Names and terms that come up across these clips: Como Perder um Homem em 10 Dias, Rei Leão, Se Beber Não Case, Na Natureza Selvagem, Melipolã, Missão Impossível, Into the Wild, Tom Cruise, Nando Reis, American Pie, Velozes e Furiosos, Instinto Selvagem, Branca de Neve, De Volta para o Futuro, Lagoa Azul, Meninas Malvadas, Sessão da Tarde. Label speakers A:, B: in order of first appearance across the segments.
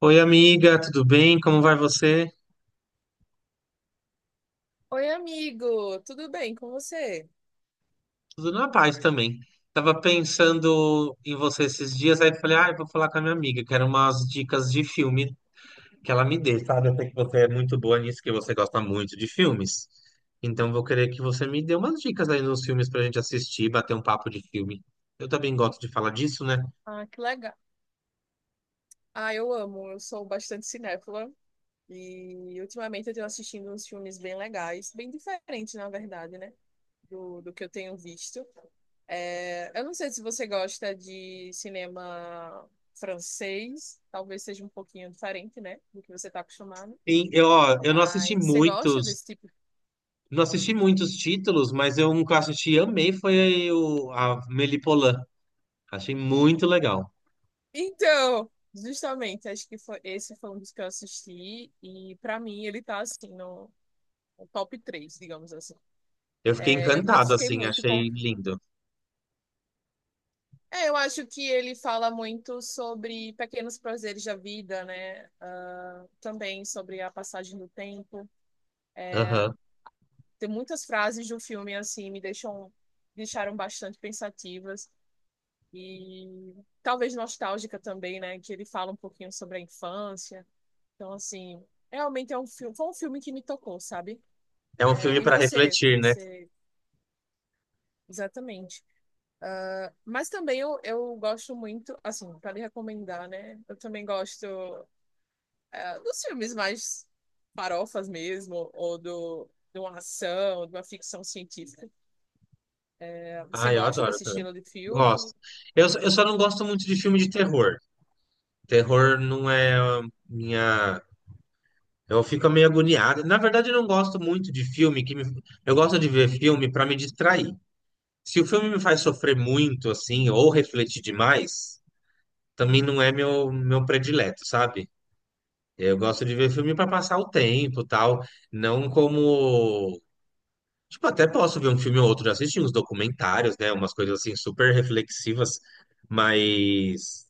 A: Oi, amiga, tudo bem? Como vai você?
B: Oi, amigo, tudo bem com você?
A: Tudo na paz também. Tava pensando em você esses dias, aí falei, ah, eu vou falar com a minha amiga, quero umas dicas de filme que ela me dê, sabe? Eu sei que você é muito boa nisso, que você gosta muito de filmes. Então vou querer que você me dê umas dicas aí nos filmes pra gente assistir, bater um papo de filme. Eu também gosto de falar disso, né?
B: Ah, que legal. Ah, eu amo, eu sou bastante cinéfila e ultimamente eu tenho assistindo uns filmes bem legais, bem diferentes, na verdade, né, do que eu tenho visto. É, eu não sei se você gosta de cinema francês, talvez seja um pouquinho diferente, né, do que você está acostumado,
A: E eu, ó, eu não assisti
B: mas você gosta
A: muitos,
B: desse tipo?
A: não assisti muitos títulos, mas eu um que eu assisti e amei foi o a Melipolã. Achei muito legal.
B: Então, justamente, esse foi um dos que eu assisti e para mim ele tá assim, no o top 3, digamos assim.
A: Eu fiquei
B: É, eu me
A: encantado,
B: identifiquei
A: assim,
B: muito com.
A: achei lindo.
B: É, eu acho que ele fala muito sobre pequenos prazeres da vida, né? Ah, também sobre a passagem do tempo.
A: Aham.
B: Tem muitas frases do filme assim me deixam deixaram bastante pensativas e talvez nostálgica também, né? Que ele fala um pouquinho sobre a infância. Então assim, realmente foi um filme que me tocou, sabe?
A: É um filme
B: É, e
A: para
B: você?
A: refletir, né?
B: Exatamente. Mas também eu gosto muito, assim, para lhe recomendar, né? Eu também gosto dos filmes mais farofas mesmo, ou de uma ação, de uma ficção científica. Você
A: Ah, eu
B: gosta
A: adoro
B: desse
A: também.
B: estilo de
A: Gosto.
B: filme?
A: Eu só não gosto muito de filme de terror. Terror não é a minha. Eu fico meio agoniado. Na verdade, eu não gosto muito de filme que me. Eu gosto de ver filme para me distrair. Se o filme me faz sofrer muito, assim, ou refletir demais, também não é meu predileto, sabe? Eu gosto de ver filme para passar o tempo, tal, não como. Tipo, até posso ver um filme ou outro, já assisti uns documentários, né? Umas coisas assim super reflexivas, mas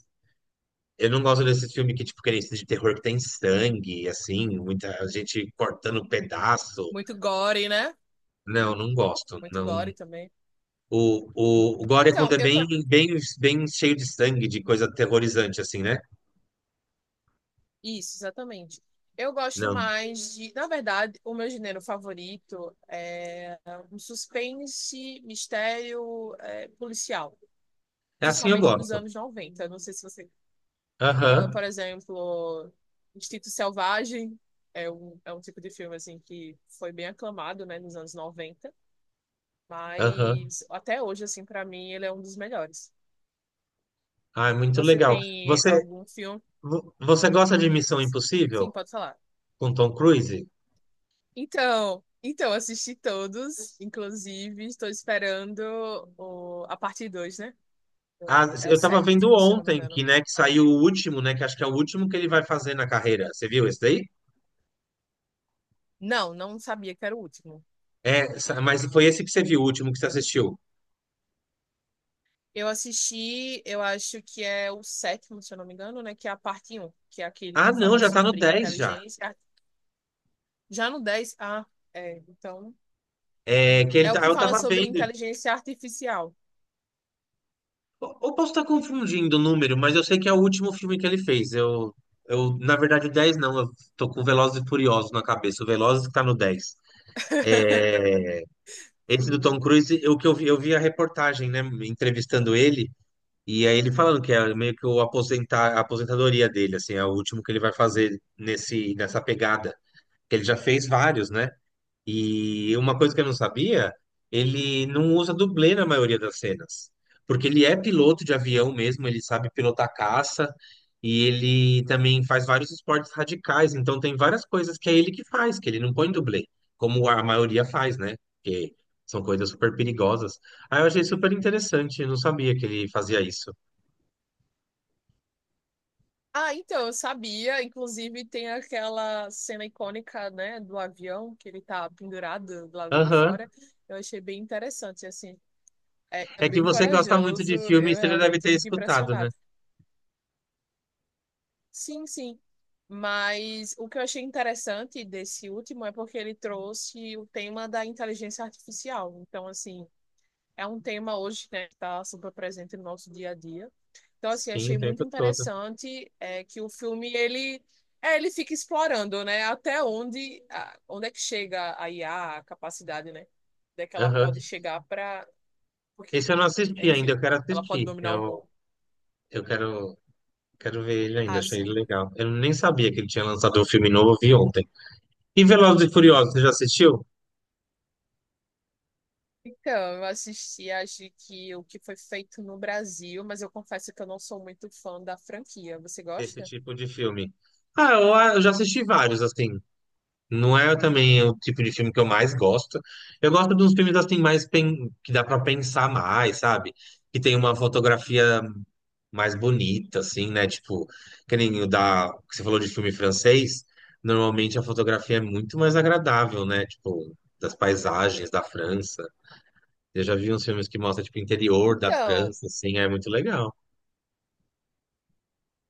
A: eu não gosto desse filme que, tipo, que é esse de terror que tem sangue, assim, muita gente cortando pedaço.
B: Muito gore, né?
A: Não, não gosto.
B: Muito
A: Não.
B: gore também.
A: O Gore é quando
B: Então,
A: é
B: eu
A: bem,
B: tô.
A: bem, bem cheio de sangue, de coisa aterrorizante, assim, né?
B: Isso, exatamente. Eu gosto
A: Não.
B: mais de. Na verdade, o meu gênero favorito é um suspense, mistério, é, policial,
A: É assim eu
B: principalmente dos
A: gosto.
B: anos noventa. Não sei se você. Ah,
A: Aham,
B: por exemplo, Instinto Selvagem é um tipo de filme assim que foi bem aclamado, né, nos anos noventa,
A: aham.
B: mas até hoje, assim, para mim, ele é um dos melhores.
A: Ah, é muito
B: Você
A: legal.
B: tem
A: Você,
B: algum filme?
A: vo- você gosta de Missão
B: Sim,
A: Impossível
B: pode falar.
A: com Tom Cruise?
B: Então, assisti todos, inclusive estou esperando a parte 2, né?
A: Ah,
B: É o
A: eu tava vendo
B: sétimo, se eu não me
A: ontem que,
B: engano.
A: né, que saiu o último, né, que acho que é o último que ele vai fazer na carreira. Você viu esse daí?
B: Não, não sabia que era o último.
A: É, mas foi esse que você viu, o último que você assistiu.
B: Eu assisti, eu acho que é o sétimo, se eu não me engano, né? Que é a parte um, que é aquele
A: Ah,
B: que
A: não,
B: fala
A: já tá no
B: sobre
A: 10 já.
B: inteligência. Ar- Já no dez, ah, é, então.
A: É que
B: É o que
A: eu
B: fala
A: tava
B: sobre
A: vendo.
B: inteligência artificial.
A: Eu posso estar confundindo o número, mas eu sei que é o último filme que ele fez. Eu, na verdade, o 10 não, eu tô com Velozes e Furiosos na cabeça. O Velozes que tá no 10. Esse do
B: Sim.
A: Tom Cruise, eu vi a reportagem, né, entrevistando ele. E aí ele falando que é meio que a aposentadoria dele, assim, é o último que ele vai fazer nessa pegada. Que ele já fez vários, né? E uma coisa que eu não sabia, ele não usa dublê na maioria das cenas. Porque ele é piloto de avião mesmo, ele sabe pilotar caça, e ele também faz vários esportes radicais, então tem várias coisas que é ele que faz, que ele não põe dublê, como a maioria faz, né? Porque são coisas super perigosas. Aí eu achei super interessante, eu não sabia que ele fazia isso.
B: Ah, então, eu sabia. Inclusive, tem aquela cena icônica, né, do avião, que ele tá pendurado do lado de
A: Aham.
B: fora. Eu achei bem interessante, assim. É é
A: É que
B: bem
A: você gosta muito
B: corajoso,
A: de filme,
B: eu
A: você já deve
B: realmente
A: ter
B: fico
A: escutado, né?
B: impressionado. Sim, sim. Mas o que eu achei interessante desse último é porque ele trouxe o tema da inteligência artificial. Então, assim, é um tema hoje, né, que está super presente no nosso dia a dia. Então, assim,
A: Sim,
B: achei
A: o
B: muito
A: tempo todo.
B: interessante que o filme, é, ele fica explorando, né, até onde, a- onde é que chega a IA, a capacidade, né, onde é que ela
A: Aham.
B: pode chegar para... Porque,
A: Esse eu não
B: é,
A: assisti ainda,
B: enfim,
A: eu quero
B: ela pode
A: assistir.
B: dominar o
A: Eu,
B: mundo.
A: eu quero ver ele ainda,
B: Ah,
A: achei ele
B: sim.
A: legal. Eu nem sabia que ele tinha lançado um filme novo, eu vi ontem. E Velozes e Furiosos, você já assistiu?
B: Então, eu assisti, acho que o que foi feito no Brasil, mas eu confesso que eu não sou muito fã da franquia. Você
A: Desse
B: gosta?
A: tipo de filme. Ah, eu já assisti vários, assim. Não é também o tipo de filme que eu mais gosto. Eu gosto de uns filmes, assim, mais que dá pra pensar mais, sabe? Que tem uma fotografia mais bonita, assim, né? Tipo, que nem que você falou de filme francês, normalmente a fotografia é muito mais agradável, né? Tipo, das paisagens da França. Eu já vi uns filmes que mostram, tipo, o interior da
B: Então,
A: França, assim, é muito legal.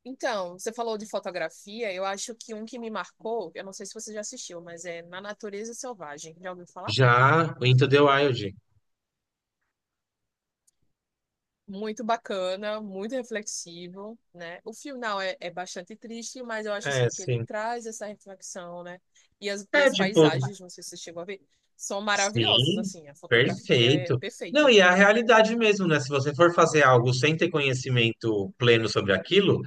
B: Você falou de fotografia, eu acho que um que me marcou, eu não sei se você já assistiu, mas é Na Natureza Selvagem. Já ouviu falar?
A: Já o Into the Wild,
B: Muito bacana, muito reflexivo, né? O final é bastante triste, mas eu acho
A: é,
B: assim que ele
A: sim.
B: traz essa reflexão, né? E e
A: É,
B: as
A: tipo,
B: paisagens, não sei se você chegou a ver, são maravilhosas,
A: sim,
B: assim, a fotografia é
A: perfeito. Não,
B: perfeita.
A: e é a realidade mesmo, né? Se você for fazer algo sem ter conhecimento pleno sobre aquilo,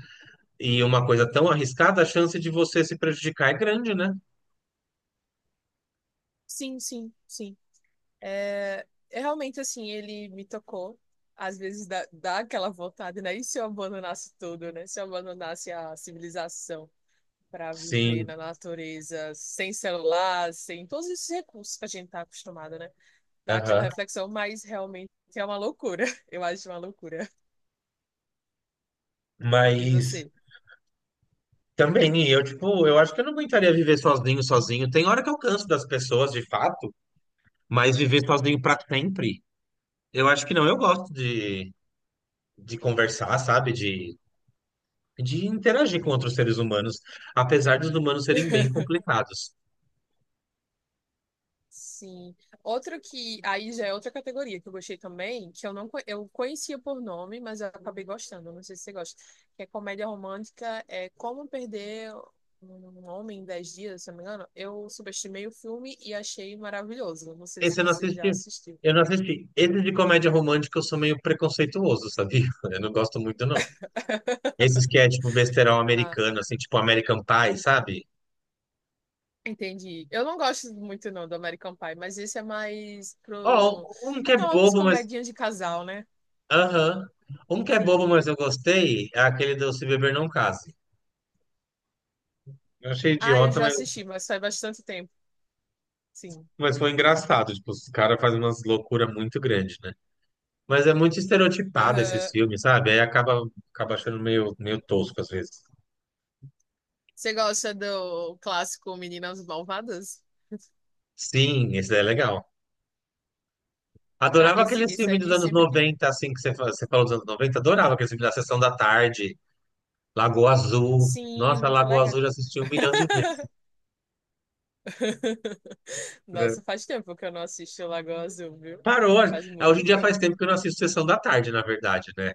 A: e uma coisa tão arriscada, a chance de você se prejudicar é grande, né?
B: Sim, sim, sim. É, é realmente assim, ele me tocou. Às vezes dá aquela vontade, né? E se eu abandonasse tudo, né? Se eu abandonasse a civilização para viver
A: Sim.
B: na natureza, sem celular, sem todos esses recursos que a gente tá acostumado, né? Dá aquela
A: Aham.
B: reflexão, mas realmente é uma loucura. Eu acho uma loucura. E
A: Mas
B: você?
A: também, eu, tipo, eu acho que eu não aguentaria viver sozinho, sozinho. Tem hora que eu canso das pessoas, de fato, mas viver sozinho pra sempre, eu acho que não. Eu gosto de conversar, sabe? De interagir com outros seres humanos, apesar dos humanos serem bem complicados.
B: Sim. Outro que aí já é outra categoria que eu gostei também, que eu não co- eu conhecia por nome, mas eu acabei gostando. Não sei se você gosta. Que é comédia romântica, é Como Perder um Homem em 10 Dias, se eu não me engano. Eu subestimei o filme e achei maravilhoso. Não sei se
A: Esse eu não
B: você já
A: assisti.
B: assistiu.
A: Eu não assisti. Esse de comédia romântica eu sou meio preconceituoso, sabia? Eu não gosto muito, não. Esses que é tipo besterol
B: Ah,
A: americano, assim, tipo American Pie, sabe?
B: entendi. Eu não gosto muito não do American Pie, mas esse é mais
A: Ó,
B: pro
A: um que é
B: aquelas
A: bobo, mas.
B: comedinhas de casal, né?
A: Aham. Um que é
B: Sim.
A: bobo, mas eu gostei, é aquele do Se Beber Não Case. Eu achei
B: Ah, eu
A: idiota,
B: já
A: mas,
B: assisti, mas faz bastante tempo. Sim.
A: mas foi engraçado. Tipo, os caras fazem umas loucuras muito grandes, né? Mas é muito estereotipado esses
B: Aham.
A: filmes, sabe? Aí acaba achando meio tosco às vezes.
B: Você gosta do clássico Meninas Malvadas?
A: Sim, esse daí é legal.
B: Ah,
A: Adorava aqueles
B: esse
A: filmes dos
B: aí
A: anos
B: sempre que.
A: 90, assim, que você falou dos anos 90. Adorava aqueles filmes da Sessão da Tarde, Lagoa Azul.
B: Sim,
A: Nossa,
B: muito
A: Lagoa Azul
B: legal.
A: eu já assisti um milhão de vezes. Né?
B: Nossa, faz tempo que eu não assisto Lagoa Azul, viu?
A: Parou.
B: Faz
A: É, hoje em
B: muito
A: dia faz tempo
B: tempo.
A: que eu não assisto Sessão da Tarde, na verdade, né?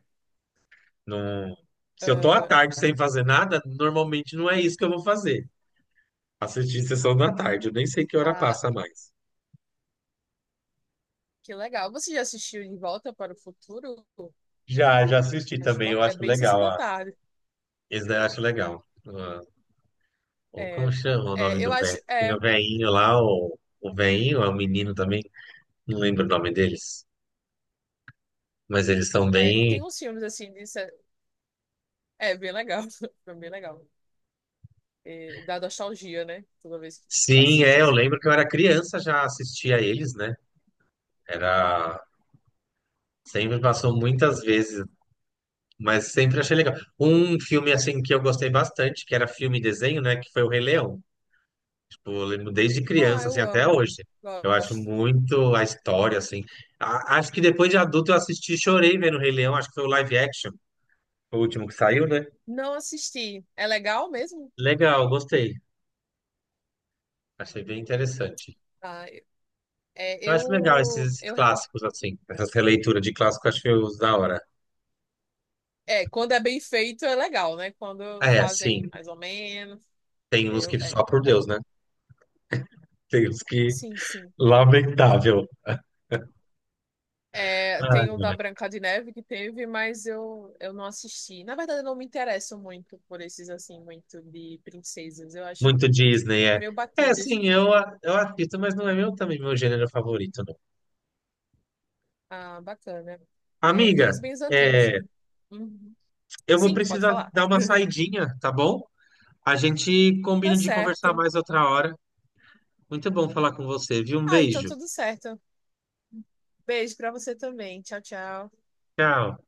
A: Não. Se eu tô à
B: Ah,
A: tarde sem fazer nada, normalmente não é isso que eu vou fazer. Assistir sessão da tarde, eu nem sei que hora
B: ah,
A: passa mais.
B: que legal. Você já assistiu De Volta para o Futuro?
A: Já assisti
B: Acho
A: também, eu
B: bacana. É
A: acho
B: bem Sessão
A: legal.
B: da
A: Ah,
B: Tarde.
A: esse daí eu acho legal. Ah, como
B: É,
A: chama o nome
B: eu
A: do
B: acho.
A: velho? Tem o
B: É,
A: velhinho lá, o velhinho, é o menino também. Não lembro o nome deles, mas eles são
B: é, tem
A: bem.
B: uns filmes assim de se- É bem legal. Foi bem legal. É, dá nostalgia, né? Toda vez que
A: Sim,
B: assiste
A: é, eu
B: assim.
A: lembro que eu era criança, já assistia a eles, né? Era. Sempre passou muitas vezes. Mas sempre achei legal. Um filme assim que eu gostei bastante, que era filme e desenho, né? Que foi o Rei Leão. Tipo, eu lembro desde
B: Ah,
A: criança, assim,
B: eu
A: até
B: amo.
A: hoje. Eu acho
B: Gosto.
A: muito a história, assim. Acho que depois de adulto eu assisti e chorei vendo o Rei Leão. Acho que foi o live action, o último que saiu, né?
B: Não assisti. É legal mesmo?
A: Legal, gostei. Achei bem interessante.
B: Ah, é,
A: Eu acho legal esses, esses
B: eu realmente.
A: clássicos, assim. Essas releituras de clássico, eu acho que eu uso da hora.
B: É, quando é bem feito é legal, né? Quando
A: É, sim.
B: fazem mais ou menos.
A: Tem uns que só por
B: Realmente.
A: Deus, né? Tem uns que.
B: Sim, sim.
A: Lamentável.
B: É, tem o da
A: Ai,
B: Branca de Neve que teve, mas eu não assisti. Na verdade, eu não me interesso muito por esses, assim, muito de princesas. Eu acho
A: muito Disney, é.
B: meio
A: É,
B: batidas.
A: sim, eu, eu assisto, mas não é meu também meu gênero favorito, não.
B: Ah, bacana. É, tem
A: Amiga,
B: uns bens antigos
A: é,
B: também. Uhum.
A: eu vou
B: Sim, pode
A: precisar
B: falar.
A: dar uma saidinha, tá bom? A gente
B: Tá
A: combina de conversar
B: certo.
A: mais outra hora. Muito bom falar com você, viu? Um
B: Ah, então
A: beijo.
B: tudo certo. Beijo pra você também. Tchau, tchau.
A: Tchau.